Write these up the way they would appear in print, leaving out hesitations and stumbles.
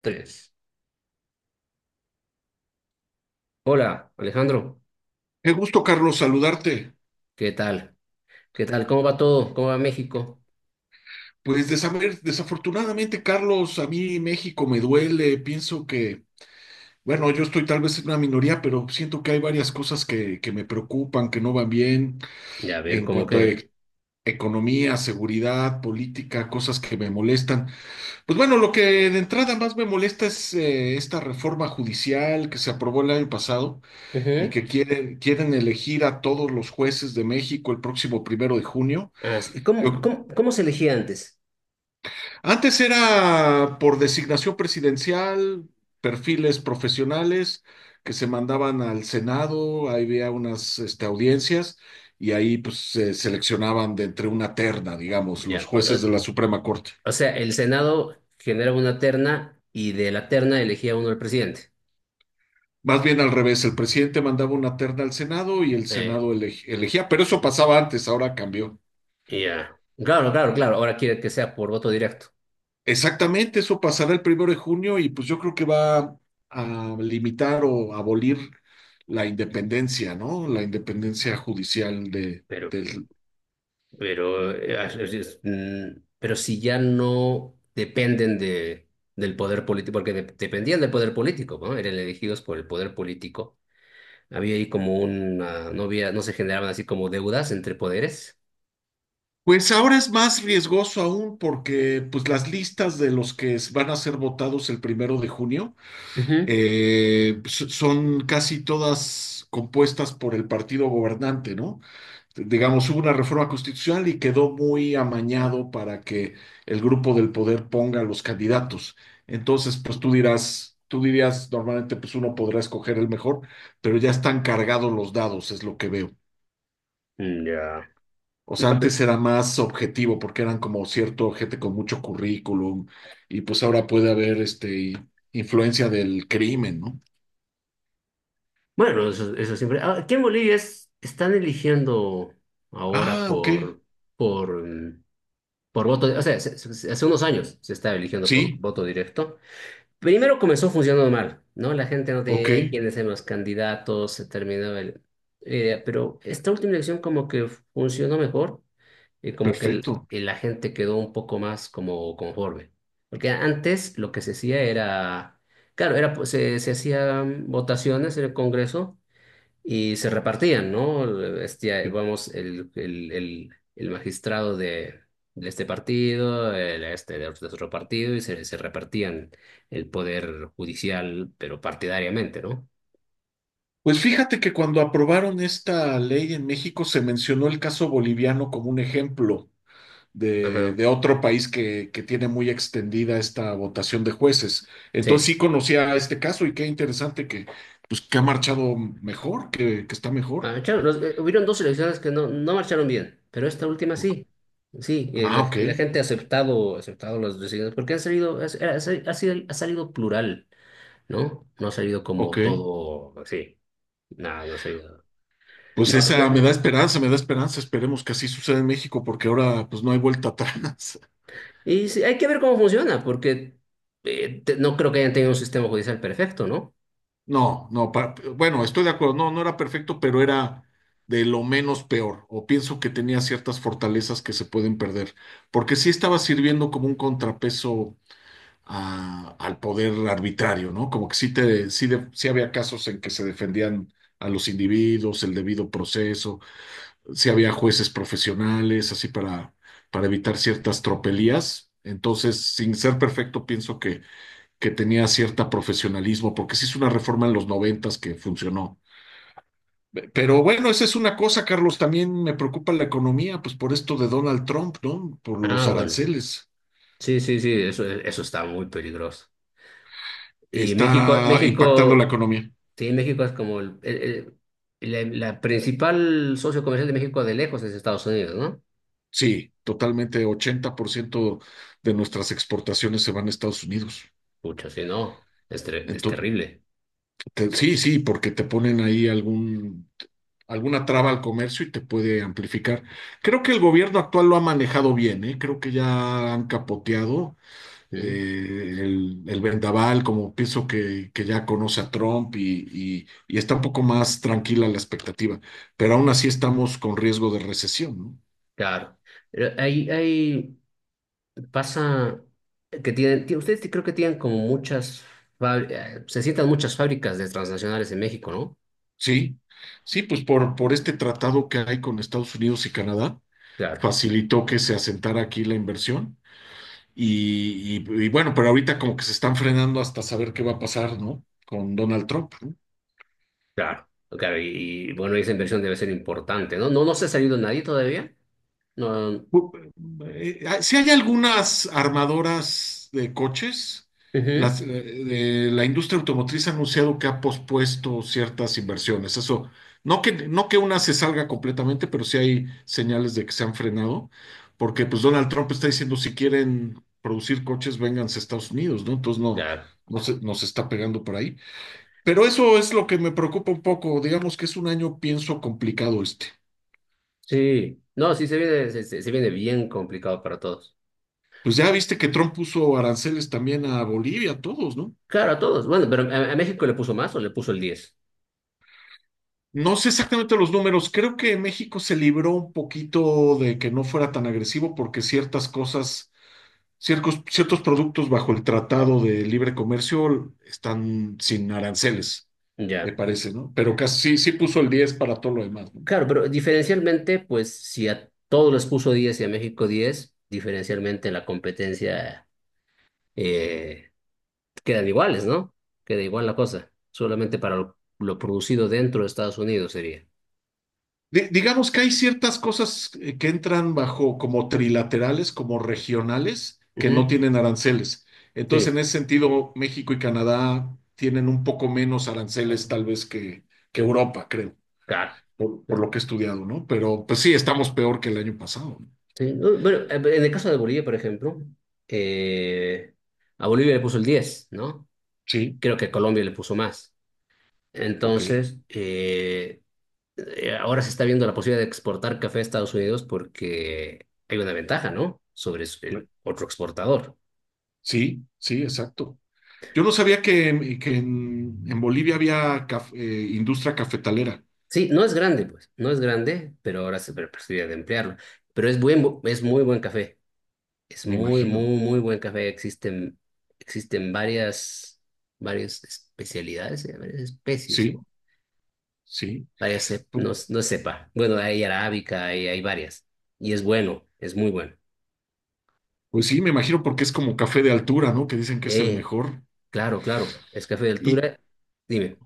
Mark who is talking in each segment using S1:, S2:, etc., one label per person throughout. S1: Tres. Hola, Alejandro.
S2: Qué gusto, Carlos, saludarte.
S1: ¿Qué tal? ¿Qué tal? ¿Cómo va todo? ¿Cómo va México?
S2: Pues desafortunadamente, Carlos, a mí México me duele. Pienso que, bueno, yo estoy tal vez en una minoría, pero siento que hay varias cosas que me preocupan, que no van bien
S1: Ya, a ver,
S2: en
S1: ¿cómo
S2: cuanto a
S1: qué?
S2: economía, seguridad, política, cosas que me molestan. Pues bueno, lo que de entrada más me molesta es esta reforma judicial que se aprobó el año pasado y
S1: Ujú.
S2: que quieren elegir a todos los jueces de México el próximo 1 de junio.
S1: Ah, sí. ¿Y cómo,
S2: Yo,
S1: cómo, cómo se elegía antes?
S2: Antes era por designación presidencial, perfiles profesionales que se mandaban al Senado, ahí había unas audiencias y ahí pues se seleccionaban de entre una terna, digamos, los
S1: Ya. O,
S2: jueces
S1: o-
S2: de la Suprema Corte.
S1: o sea, el Senado generaba una terna y de la terna elegía uno el presidente.
S2: Más bien al revés, el presidente mandaba una terna al Senado y el
S1: Eh,
S2: Senado elegía, pero eso pasaba antes, ahora cambió.
S1: ya. Claro, claro, claro. Ahora quiere que sea por voto directo.
S2: Exactamente, eso pasará el 1 de junio y pues yo creo que va a limitar o abolir la independencia, ¿no? La independencia judicial de,
S1: Pero,
S2: del...
S1: pero si ya no dependen de, del poder político, porque dependían del poder político, ¿no? Eran elegidos por el poder político. Había ahí como una, no había, no se generaban así como deudas entre poderes.
S2: Pues ahora es más riesgoso aún porque pues las listas de los que van a ser votados el 1 de junio
S1: Ujú.
S2: son casi todas compuestas por el partido gobernante, ¿no? Digamos, hubo una reforma constitucional y quedó muy amañado para que el grupo del poder ponga los candidatos. Entonces, pues tú dirás, tú dirías, normalmente pues uno podrá escoger el mejor, pero ya están cargados los dados, es lo que veo.
S1: Ya.
S2: O sea,
S1: Ya, pero
S2: antes era más objetivo porque eran como cierto gente con mucho currículum y pues ahora puede haber influencia del crimen, ¿no?
S1: Bueno, eso siempre. Ah, aquí en Bolivia están eligiendo ahora
S2: Ah, ok.
S1: por, por, mm, por voto, o sea, hace unos años se estaba eligiendo por
S2: Sí,
S1: voto directo. Primero comenzó funcionando mal, ¿no? La gente no tenía
S2: ok,
S1: idea quiénes eran los candidatos, se terminaba el pero esta última elección como que funcionó mejor y como que
S2: perfecto.
S1: la gente quedó un poco más como conforme. Porque antes lo que se hacía era, claro, era, pues, se hacían votaciones en el Congreso y se repartían, ¿no? Este, vamos, el magistrado de este partido, el este de otro partido, y se repartían el poder judicial, pero partidariamente, ¿no?
S2: Pues fíjate que cuando aprobaron esta ley en México se mencionó el caso boliviano como un ejemplo
S1: Ajá,
S2: de otro país que tiene muy extendida esta votación de jueces. Entonces
S1: sí.
S2: sí conocía este caso y qué interesante que, pues, que ha marchado mejor, que está mejor.
S1: Marcharon, hubieron dos elecciones que no, no marcharon bien, pero esta última
S2: Ok.
S1: sí. Sí,
S2: Ah,
S1: la,
S2: ok,
S1: la gente ha aceptado las decisiones porque han salido, ha ha salido plural, ¿no? No ha salido
S2: ok.
S1: como todo así. No, no ha salido.
S2: Pues
S1: No, no,
S2: esa me da esperanza, me da esperanza. Esperemos que así suceda en México porque ahora pues no hay vuelta atrás.
S1: y sí, hay que ver cómo funciona, porque no creo que hayan tenido un sistema judicial perfecto, ¿no?
S2: No, no, bueno, estoy de acuerdo, no, no era perfecto, pero era de lo menos peor, o pienso que tenía ciertas fortalezas que se pueden perder, porque sí estaba sirviendo como un contrapeso al poder arbitrario, ¿no? Como que sí, te, sí, sí había casos en que se defendían a los individuos, el debido proceso, sí había jueces profesionales, así para evitar ciertas tropelías. Entonces, sin ser perfecto, pienso que tenía cierto profesionalismo, porque se hizo una reforma en los noventas que funcionó. Pero bueno, esa es una cosa, Carlos, también me preocupa la economía, pues por esto de Donald Trump, ¿no? Por los
S1: Ah, bueno.
S2: aranceles.
S1: Sí, sí, sí, eso está muy peligroso. Y México,
S2: Está impactando la
S1: México.
S2: economía.
S1: Sí, México es como la, la principal socio comercial de México de lejos es Estados Unidos, ¿no?
S2: Sí, totalmente, 80% de nuestras exportaciones se van a Estados Unidos.
S1: Pucha, sí, no, es, es
S2: Entonces,
S1: terrible.
S2: sí, sí, porque te ponen ahí alguna traba al comercio y te puede amplificar. Creo que el gobierno actual lo ha manejado bien, ¿eh? Creo que ya han capoteado
S1: ¿Mm?
S2: el vendaval, como pienso que ya conoce a Trump y, y está un poco más tranquila la expectativa, pero aún así estamos con riesgo de recesión, ¿no?
S1: Claro. Pero ahí, ahí pasa que tienen, ustedes creo que tienen como muchas, se sientan muchas fábricas de transnacionales en México, ¿no?
S2: Sí, sí, pues por este tratado que hay con Estados Unidos y Canadá,
S1: Claro,
S2: facilitó que se asentara aquí la inversión y, y bueno, pero ahorita como que se están frenando hasta saber qué va a pasar, ¿no? Con Donald Trump. ¿No?
S1: claro, claro. Y, bueno, esa inversión debe ser importante, ¿no? No, no se ha salido nadie todavía. No,
S2: Si hay algunas armadoras de coches,
S1: ujú,
S2: las, eh, la industria automotriz ha anunciado que ha pospuesto ciertas inversiones. Eso, no que una se salga completamente, pero sí hay señales de que se han frenado, porque pues Donald Trump está diciendo si quieren producir coches, vénganse a Estados Unidos, ¿no? Entonces no,
S1: claro.
S2: nos está pegando por ahí. Pero eso es lo que me preocupa un poco. Digamos que es un año, pienso, complicado este.
S1: Sí, no, sí se viene, se viene bien complicado para todos.
S2: Pues ya viste que Trump puso aranceles también a Bolivia, a todos, ¿no?
S1: Claro, a todos. Bueno, pero a México le puso más o le puso el 10.
S2: No sé exactamente los números, creo que México se libró un poquito de que no fuera tan agresivo porque ciertas cosas, ciertos productos bajo el Tratado de Libre Comercio están sin aranceles, me
S1: Ya.
S2: parece, ¿no? Pero casi sí, sí puso el 10% para todo lo demás, ¿no?
S1: Claro, pero diferencialmente, pues si a todos les puso 10 y a México 10 diferencialmente la competencia eh, quedan iguales, ¿no? Queda igual la cosa. Solamente para lo producido dentro de Estados Unidos sería.
S2: Digamos que hay ciertas cosas que entran bajo como trilaterales, como regionales, que no
S1: Ujú.
S2: tienen aranceles. Entonces,
S1: Sí,
S2: en ese sentido, México y Canadá tienen un poco menos aranceles tal vez que Europa, creo,
S1: claro,
S2: por
S1: claro.
S2: lo que he estudiado, ¿no? Pero pues sí, estamos peor que el año pasado. ¿No?
S1: Sí. No, bueno, en el caso de Bolivia, por ejemplo, eh, a Bolivia le puso el 10, ¿no?
S2: Sí,
S1: Creo que Colombia le puso más.
S2: ok.
S1: Entonces, ahora se está viendo la posibilidad de exportar café a Estados Unidos porque hay una ventaja, ¿no? Sobre
S2: Cla-
S1: el otro exportador.
S2: Sí, sí, exacto. Yo no sabía que, en Bolivia había industria cafetalera,
S1: Sí, no es grande, pues, no es grande, pero ahora se ve la posibilidad de emplearlo. Pero es es muy buen café, es
S2: me
S1: muy,
S2: imagino.
S1: muy, muy buen café. Existen, existen varias, varias especialidades, varias especies, ¿no?
S2: Sí, sí.
S1: Varias, no, no sepa. Bueno, hay arábica, hay varias. Y es bueno, es muy bueno.
S2: Pues sí, me imagino porque es como café de altura, ¿no? Que dicen que es el
S1: Eh,
S2: mejor.
S1: claro, claro, es café de
S2: Y
S1: altura. Dime.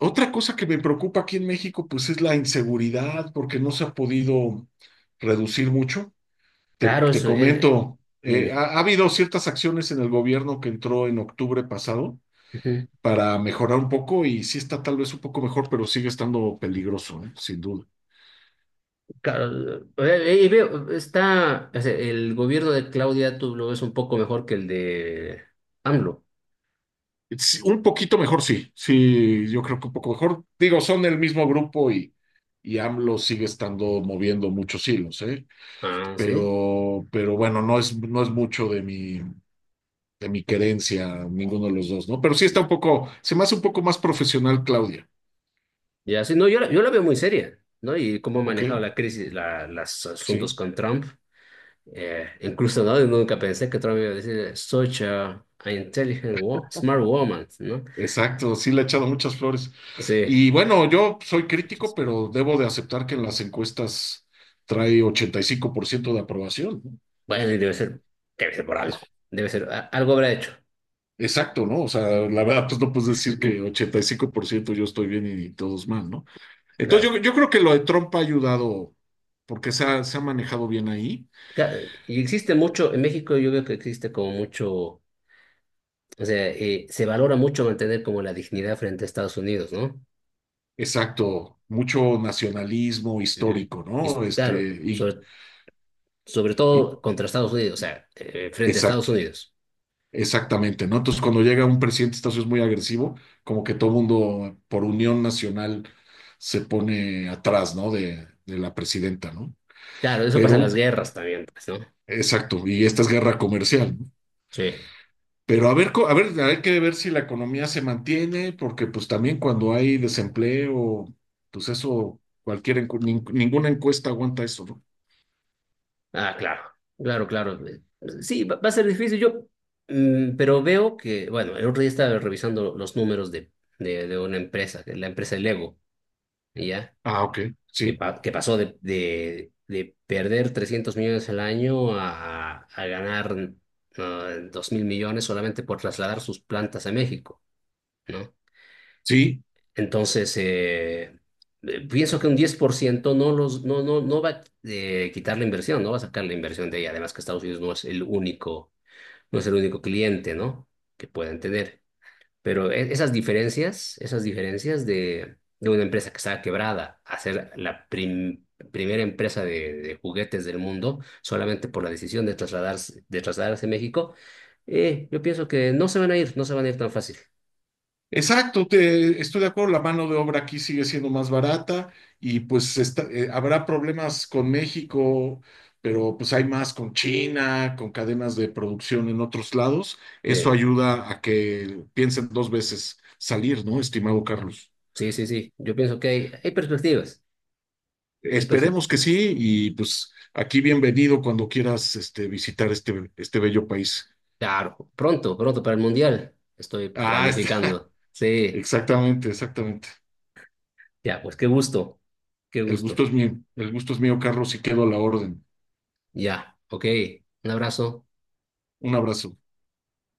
S2: otra cosa que me preocupa aquí en México, pues es la inseguridad, porque no se ha podido reducir mucho.
S1: Claro,
S2: Te
S1: eso,
S2: comento,
S1: dime.
S2: ha habido ciertas acciones en el gobierno que entró en octubre pasado
S1: Ujú.
S2: para mejorar un poco y sí está tal vez un poco mejor, pero sigue estando peligroso, ¿eh? Sin duda.
S1: Claro, veo, está, o sea, el gobierno de Claudia, tú lo ves un poco mejor que el de AMLO.
S2: Sí, un poquito mejor, sí, sí, yo creo que un poco mejor. Digo, son el mismo grupo y AMLO sigue estando moviendo muchos hilos, ¿eh?
S1: Ah, sí.
S2: Pero bueno, no es, no es mucho de mi querencia, ninguno de los dos, ¿no? Pero sí está un poco, se me hace un poco más profesional Claudia,
S1: Ya, sí, no, yo la, yo la veo muy seria, ¿no? Y cómo ha
S2: ¿ok?
S1: manejado la crisis, la, los asuntos
S2: Sí,
S1: con Trump. Incluso, ¿no? Nunca pensé que Trump iba a decir, such a intelligent, smart woman, ¿no?
S2: exacto, sí le he echado muchas flores.
S1: Sí.
S2: Y bueno, yo soy crítico, pero debo de aceptar que en las encuestas trae 85% de aprobación, ¿no?
S1: Bueno, y debe ser por algo. Debe ser, algo habrá hecho.
S2: Exacto, ¿no? O sea, la verdad, pues no puedes decir que 85% yo estoy bien y todos mal, ¿no?
S1: Claro.
S2: Entonces yo creo que lo de Trump ha ayudado porque se ha manejado bien ahí.
S1: Y existe mucho, en México yo veo que existe como mucho, o sea, se valora mucho mantener como la dignidad frente a Estados Unidos, ¿no?
S2: Exacto, mucho nacionalismo
S1: Ujú.
S2: histórico,
S1: Y
S2: ¿no? Este,
S1: claro,
S2: y,
S1: sobre, sobre
S2: y-
S1: todo contra Estados Unidos, o sea, frente a Estados
S2: exacto,
S1: Unidos.
S2: exactamente, ¿no? Entonces, cuando llega un presidente de Estados Unidos muy agresivo, como que todo mundo por unión nacional se pone atrás, ¿no? De la presidenta, ¿no?
S1: Claro, eso pasa en las
S2: Pero,
S1: guerras también, pues, ¿no?
S2: exacto, y esta es guerra comercial, ¿no?
S1: Sí.
S2: Pero a ver, a ver, hay que ver si la economía se mantiene, porque pues también cuando hay desempleo, pues eso, ninguna encuesta aguanta eso, ¿no?
S1: Ah, claro, claro, claro. Sí, va, va a ser difícil. Yo, pero veo que, bueno, el otro día estaba revisando los números de una empresa, que es la empresa Lego, ¿ya?
S2: Ah, ok,
S1: Que,
S2: sí.
S1: que pasó de perder 300 millones al año a ganar 2.000 millones solamente por trasladar sus plantas a México, ¿no?
S2: Sí,
S1: Entonces, pienso que un 10% no, los, no, no, no va a quitar la inversión, no va a sacar la inversión de ahí. Además que Estados Unidos no es el único, no es el único cliente, ¿no? Que pueden tener. Pero esas diferencias de una empresa que estaba quebrada a ser la primera empresa de juguetes del mundo solamente por la decisión de trasladarse a México, yo pienso que no se van a ir, no se van a ir tan fácil.
S2: exacto, estoy de acuerdo, la mano de obra aquí sigue siendo más barata y pues habrá problemas con México, pero pues hay más con China, con cadenas de producción en otros lados.
S1: Sí,
S2: Eso ayuda a que piensen 2 veces salir, ¿no, estimado Carlos?
S1: sí, sí, sí. Yo pienso que hay perspectivas. Hay perspectivas.
S2: Esperemos que sí y pues aquí bienvenido cuando quieras visitar este, este bello país.
S1: Claro, pronto, pronto para el Mundial. Estoy
S2: Ah, está.
S1: planificando. Sí,
S2: Exactamente, exactamente.
S1: ya, pues qué gusto, qué
S2: El gusto
S1: gusto.
S2: es mío, el gusto es mío, Carlos, y quedo a la orden.
S1: Ya, ok. Un abrazo.
S2: Un abrazo.